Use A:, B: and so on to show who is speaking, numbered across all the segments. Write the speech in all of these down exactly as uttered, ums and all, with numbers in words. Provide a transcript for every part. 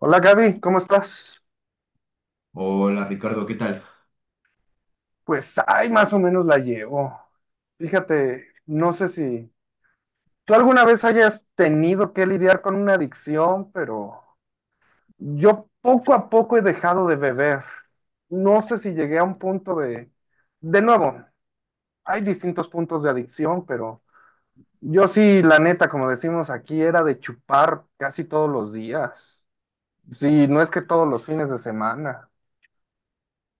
A: Hola Gaby, ¿cómo estás?
B: Hola Ricardo, ¿qué tal?
A: Pues, ay, más o menos la llevo. Fíjate, no sé si tú alguna vez hayas tenido que lidiar con una adicción, pero yo poco a poco he dejado de beber. No sé si llegué a un punto de... De nuevo, hay distintos puntos de adicción, pero yo sí, la neta, como decimos aquí, era de chupar casi todos los días. Sí, no es que todos los fines de semana.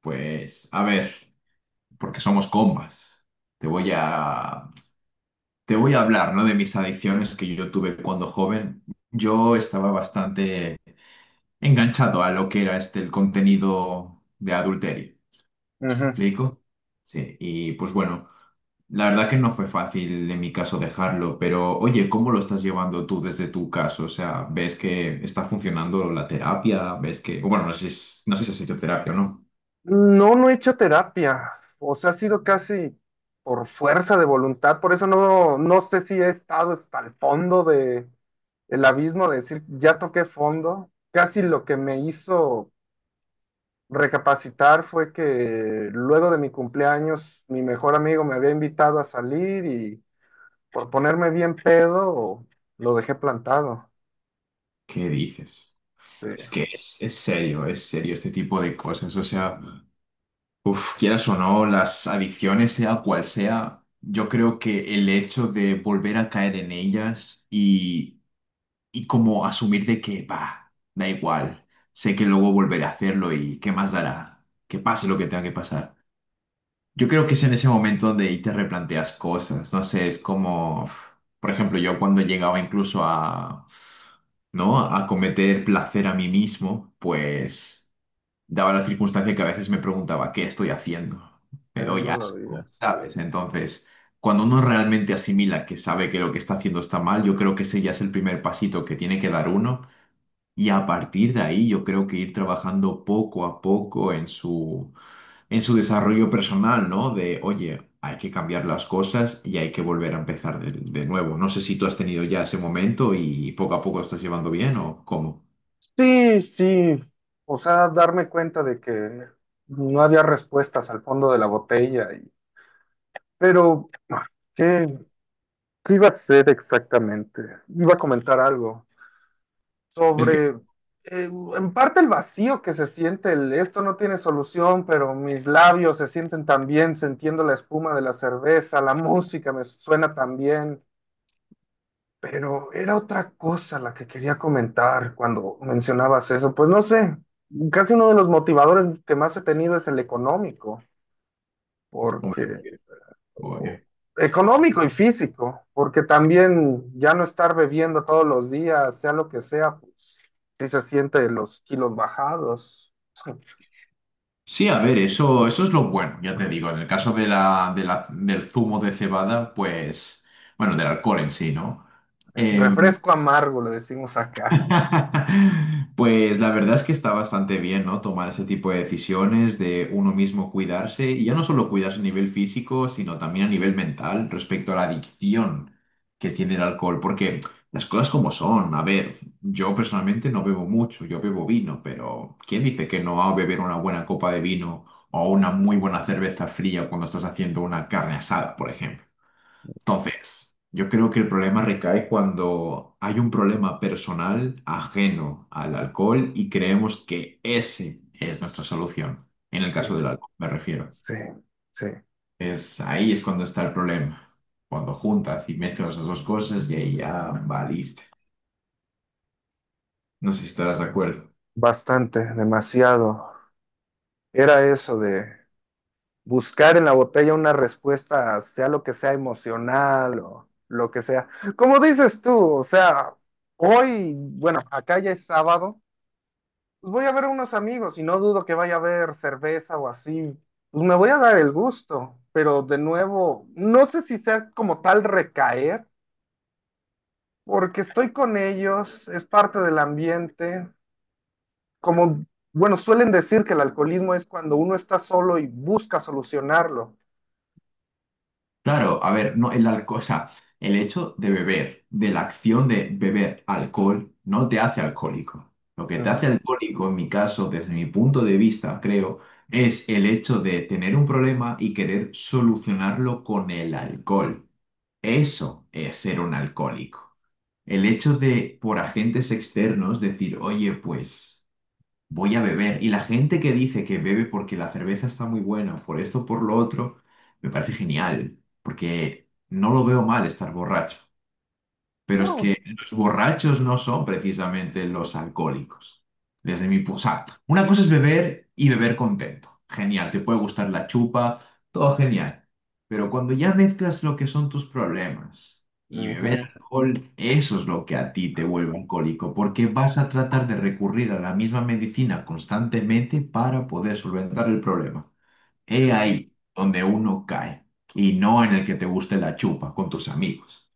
B: Pues a ver, porque somos combas. Te voy a te voy a hablar, ¿no? De mis adicciones que yo tuve cuando joven. Yo estaba bastante enganchado a lo que era este el contenido de adulterio. ¿Me
A: Ujú.
B: ¿Explico? Sí, y pues bueno, la verdad que no fue fácil en mi caso dejarlo, pero oye, ¿cómo lo estás llevando tú desde tu caso? O sea, ¿ves que está funcionando la terapia? ¿Ves que, bueno, no sé, si- no sé si ha sido terapia o no?
A: No, no he hecho terapia. O sea, ha sido casi por fuerza de voluntad. Por eso no, no sé si he estado hasta el fondo de el abismo, de decir, ya toqué fondo. Casi lo que me hizo recapacitar fue que luego de mi cumpleaños, mi mejor amigo me había invitado a salir y por ponerme bien pedo, lo dejé plantado.
B: ¿Qué dices?
A: Sí, eh,
B: Es que es, es serio, es serio este tipo de cosas. O sea, uf, quieras o no, las adicciones, sea cual sea, yo creo que el hecho de volver a caer en ellas y, y como asumir de que, va, da igual, sé que luego volveré a hacerlo y qué más dará, que pase lo que tenga que pasar. Yo creo que es en ese momento donde ahí te replanteas cosas. No sé, es como, uf, por ejemplo, yo cuando llegaba incluso a, ¿no? A cometer placer a mí mismo, pues daba la circunstancia que a veces me preguntaba, ¿qué estoy haciendo? Me doy
A: no lo
B: asco,
A: digas.
B: ¿sabes? Entonces, cuando uno realmente asimila que sabe que lo que está haciendo está mal, yo creo que ese ya es el primer pasito que tiene que dar uno. Y a partir de ahí, yo creo que ir trabajando poco a poco en su, en su desarrollo personal, ¿no? De, oye, hay que cambiar las cosas y hay que volver a empezar de, de nuevo. No sé si tú has tenido ya ese momento y poco a poco estás llevando bien o cómo.
A: Sí, sí, o sea, darme cuenta de que no había respuestas al fondo de la botella, y- pero ah, ¿qué, qué iba a hacer exactamente? Iba a comentar algo
B: El que,
A: sobre, eh, en parte el vacío que se siente, el esto no tiene solución, pero mis labios se sienten tan bien, sintiendo la espuma de la cerveza, la música me suena también. Pero era otra cosa la que quería comentar cuando mencionabas eso. Pues no sé, casi uno de los motivadores que más he tenido es el económico,
B: hombre,
A: porque
B: oye.
A: económico y físico, porque también ya no estar bebiendo todos los días, sea lo que sea, pues sí se siente los kilos bajados.
B: Sí, a ver, eso, eso es lo bueno, ya te digo, en el caso de la, de la- del zumo de cebada, pues, bueno, del alcohol en sí, ¿no? Em,
A: Refresco amargo, le decimos acá.
B: Pues la verdad es que está bastante bien, ¿no? Tomar ese tipo de decisiones de uno mismo cuidarse y ya no solo cuidarse a nivel físico, sino también a nivel mental respecto a la adicción que tiene el alcohol, porque las cosas como son, a ver, yo personalmente no bebo mucho, yo bebo vino, pero ¿quién dice que no va a beber una buena copa de vino o una muy buena cerveza fría cuando estás haciendo una carne asada, por ejemplo? Entonces, yo creo que el problema recae cuando hay un problema personal ajeno al alcohol y creemos que ese es nuestra solución. En el
A: Sí,
B: caso del alcohol, me refiero.
A: sí, sí,
B: Es ahí es cuando está el problema. Cuando juntas y mezclas las dos cosas y ahí ya valiste. No sé si estarás de acuerdo.
A: bastante, demasiado. Era eso de buscar en la botella una respuesta, sea lo que sea emocional o lo que sea. Como dices tú, o sea, hoy, bueno, acá ya es sábado, pues voy a ver a unos amigos y no dudo que vaya a haber cerveza o así. Pues me voy a dar el gusto, pero de nuevo, no sé si sea como tal recaer, porque estoy con ellos, es parte del ambiente, como... Bueno, suelen decir que el alcoholismo es cuando uno está solo y busca solucionarlo.
B: Claro, a ver, no, el alcohol, o sea, el hecho de beber, de la acción de beber alcohol, no te hace alcohólico. Lo que te
A: Ujú.
B: hace alcohólico, en mi caso, desde mi punto de vista, creo, es el hecho de tener un problema y querer solucionarlo con el alcohol. Eso es ser un alcohólico. El hecho de, por agentes externos, decir, oye, pues voy a beber. Y la gente que dice que bebe porque la cerveza está muy buena, por esto, por lo otro, me parece genial, porque no lo veo mal estar borracho. Pero es
A: No,
B: que los borrachos no son precisamente los alcohólicos. Desde mi punto. O sea, una cosa es beber y beber contento. Genial, te puede gustar la chupa, todo genial. Pero cuando ya mezclas lo que son tus problemas y beber
A: Ujú,
B: alcohol, eso es lo que a ti te vuelve alcohólico, porque vas a tratar de recurrir a la misma medicina constantemente para poder solventar el problema. He
A: sí.
B: ahí donde uno cae y no en el que te guste la chupa con tus amigos.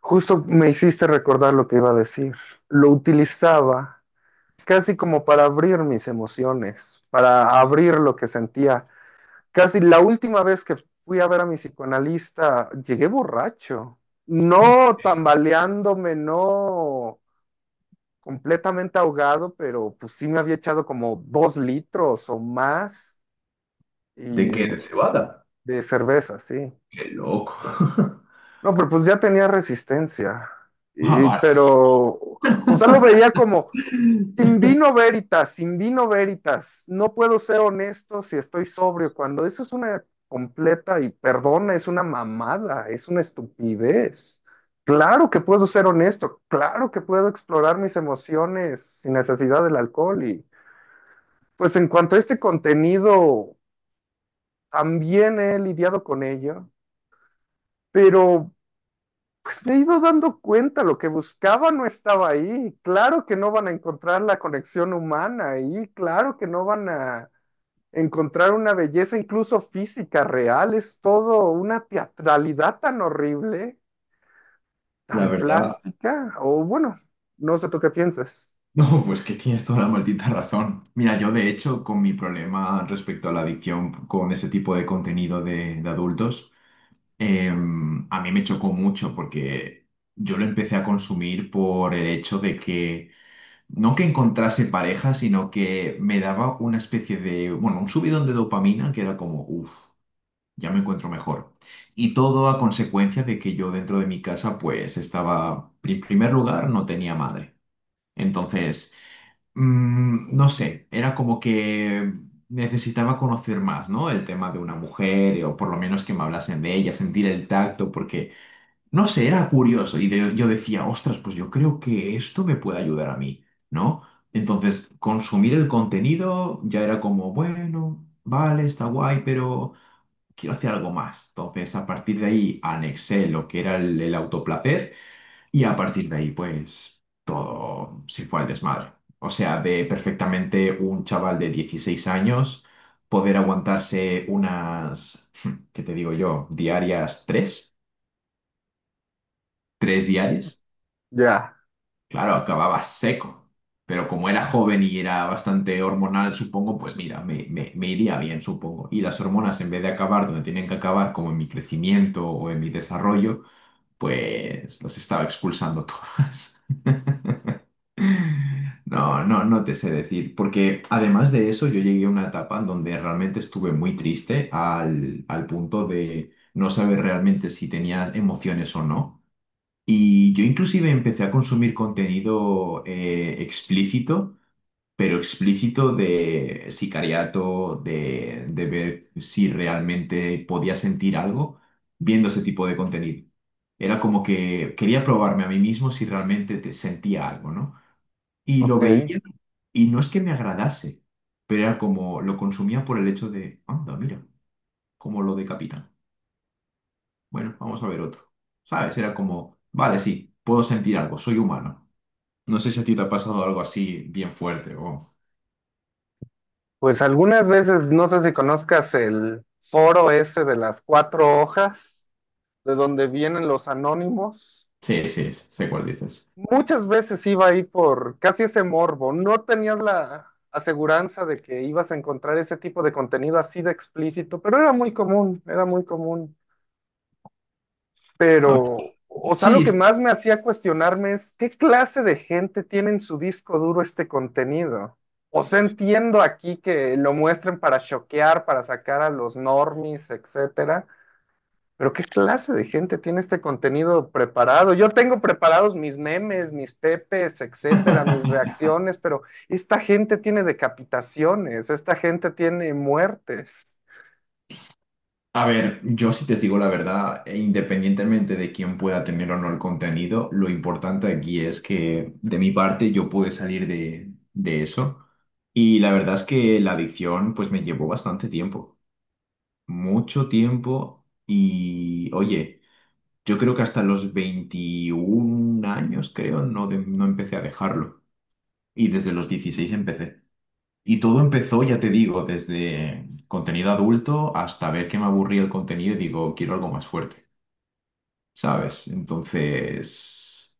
A: Justo me hiciste recordar lo que iba a decir. Lo utilizaba casi como para abrir mis emociones, para abrir lo que sentía. Casi la última vez que fui a ver a mi psicoanalista, llegué borracho. No tambaleándome, no completamente ahogado, pero pues sí me había echado como dos litros o más
B: ¿De qué? ¿De
A: y
B: cebada?
A: de cerveza, sí.
B: ¡Qué loco!
A: No, pero pues ya tenía resistencia.
B: Ah,
A: Y-
B: vale.
A: pero, o sea, lo veía como, sin vino veritas, sin vino veritas, no puedo ser honesto si estoy sobrio, cuando eso es una completa, y perdona, es una mamada, es una estupidez. Claro que puedo ser honesto, claro que puedo explorar mis emociones sin necesidad del alcohol. Y pues en cuanto a este contenido, también he lidiado con ello, pero... pues me he ido dando cuenta, lo que buscaba no estaba ahí. Claro que no van a encontrar la conexión humana ahí, claro que no van a encontrar una belleza incluso física real, es todo una teatralidad tan horrible,
B: La
A: tan
B: verdad,
A: plástica, o bueno, no sé tú qué piensas.
B: no, pues que tienes toda la maldita razón. Mira, yo de hecho, con mi problema respecto a la adicción con ese tipo de contenido de, de adultos, em, a mí me chocó mucho porque yo lo empecé a consumir por el hecho de que, no que encontrase pareja, sino que me daba una especie de, bueno, un subidón de dopamina que era como, uff. Ya me encuentro mejor. Y todo a consecuencia de que yo dentro de mi casa pues estaba, en primer lugar, no tenía madre. Entonces, mm, no sé, era como que necesitaba conocer más, ¿no? El tema de una mujer, o por lo menos que me hablasen de ella, sentir el tacto, porque, no sé, era curioso. Y de- yo decía, ostras, pues yo creo que esto me puede ayudar a mí, ¿no? Entonces, consumir el contenido ya era como, bueno, vale, está guay, pero quiero hacer algo más. Entonces, a partir de ahí, anexé lo que era el, el autoplacer y a partir de ahí, pues, todo se fue al desmadre. O sea, de perfectamente un chaval de dieciséis años poder aguantarse unas, ¿qué te digo yo? Diarias tres, tres diarias.
A: Ya,
B: Claro, acababa seco. Pero como era joven y era bastante hormonal, supongo, pues mira, me, me- me iría bien, supongo. Y las hormonas, en vez de acabar donde tienen que acabar, como en mi crecimiento o en mi desarrollo, pues los estaba expulsando todas. No, no, no te sé decir, porque además de eso yo llegué a una etapa en donde realmente estuve muy triste al, al punto de no saber realmente si tenía emociones o no. Y yo inclusive empecé a consumir contenido eh, explícito pero explícito de sicariato, de, de ver si realmente podía sentir algo viendo ese tipo de contenido. Era como que quería probarme a mí mismo si realmente te sentía algo, ¿no? Y lo
A: ok.
B: veía y no es que me agradase, pero era como lo consumía por el hecho de, anda, mira, como lo decapitan. Bueno, vamos a ver otro. ¿Sabes? Era como, vale, sí, puedo sentir algo, soy humano. No sé si a ti te ha pasado algo así bien fuerte o...
A: Pues algunas veces, no sé si conozcas el foro ese de las cuatro hojas, de donde vienen los anónimos.
B: Sí, sí, sé cuál dices.
A: Muchas veces iba ahí por casi ese morbo. No tenías la aseguranza de que ibas a encontrar ese tipo de contenido así de explícito, pero era muy común, era muy común.
B: A
A: Pero, o sea, lo que
B: Sí,
A: más me hacía cuestionarme es qué clase de gente tiene en su disco duro este contenido. O sea, entiendo aquí que lo muestren para choquear, para sacar a los normies, etcétera, pero ¿qué clase de gente tiene este contenido preparado? Yo tengo preparados mis memes, mis pepes, etcétera, mis reacciones, pero esta gente tiene decapitaciones, esta gente tiene muertes.
B: A ver, yo si te digo la verdad, e independientemente de quién pueda tener o no el contenido, lo importante aquí es que de mi parte yo pude salir de, de eso. Y la verdad es que la adicción pues me llevó bastante tiempo, mucho tiempo. Y oye, yo creo que hasta los veintiún años creo no, de- no empecé a dejarlo. Y desde los dieciséis empecé. Y todo empezó, ya te digo, desde contenido adulto hasta ver que me aburría el contenido y digo, quiero algo más fuerte, ¿sabes? Entonces,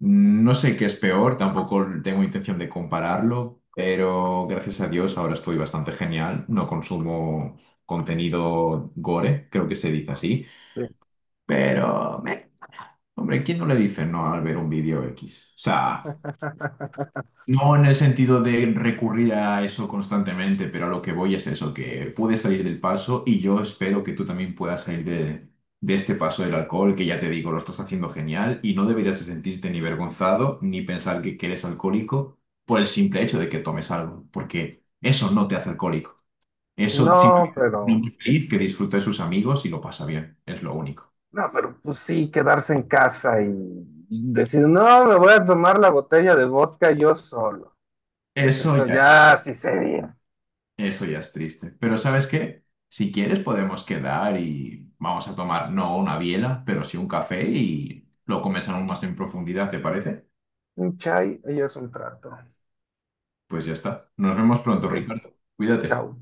B: no sé qué es peor, tampoco tengo intención de compararlo, pero gracias a Dios ahora estoy bastante genial, no consumo contenido gore, creo que se dice así,
A: Sí.
B: pero, meh, hombre, ¿quién no le dice no al ver un vídeo X? O sea... No en el sentido de recurrir a eso constantemente, pero a lo que voy es eso, que puedes salir del paso y yo espero que tú también puedas salir de, de este paso del alcohol, que ya te digo, lo estás haciendo genial y no deberías de sentirte ni vergonzado ni pensar que, que, eres alcohólico por el simple hecho de que tomes algo, porque eso no te hace alcohólico. Eso
A: No,
B: simplemente es un
A: pero,
B: hombre feliz que disfruta de sus amigos y lo pasa bien, es lo único.
A: no, pero pues sí, quedarse en casa y, y, decir, no, me voy a tomar la botella de vodka yo solo. Pues
B: Eso
A: eso
B: ya
A: ya sí sería.
B: Eso ya es triste. Pero ¿sabes qué? Si quieres podemos quedar y vamos a tomar no una biela, pero sí un café y lo comes aún más en profundidad, ¿te parece?
A: Un chai y es un trato.
B: Pues ya está. Nos vemos pronto,
A: Ok,
B: Ricardo. Cuídate.
A: chao.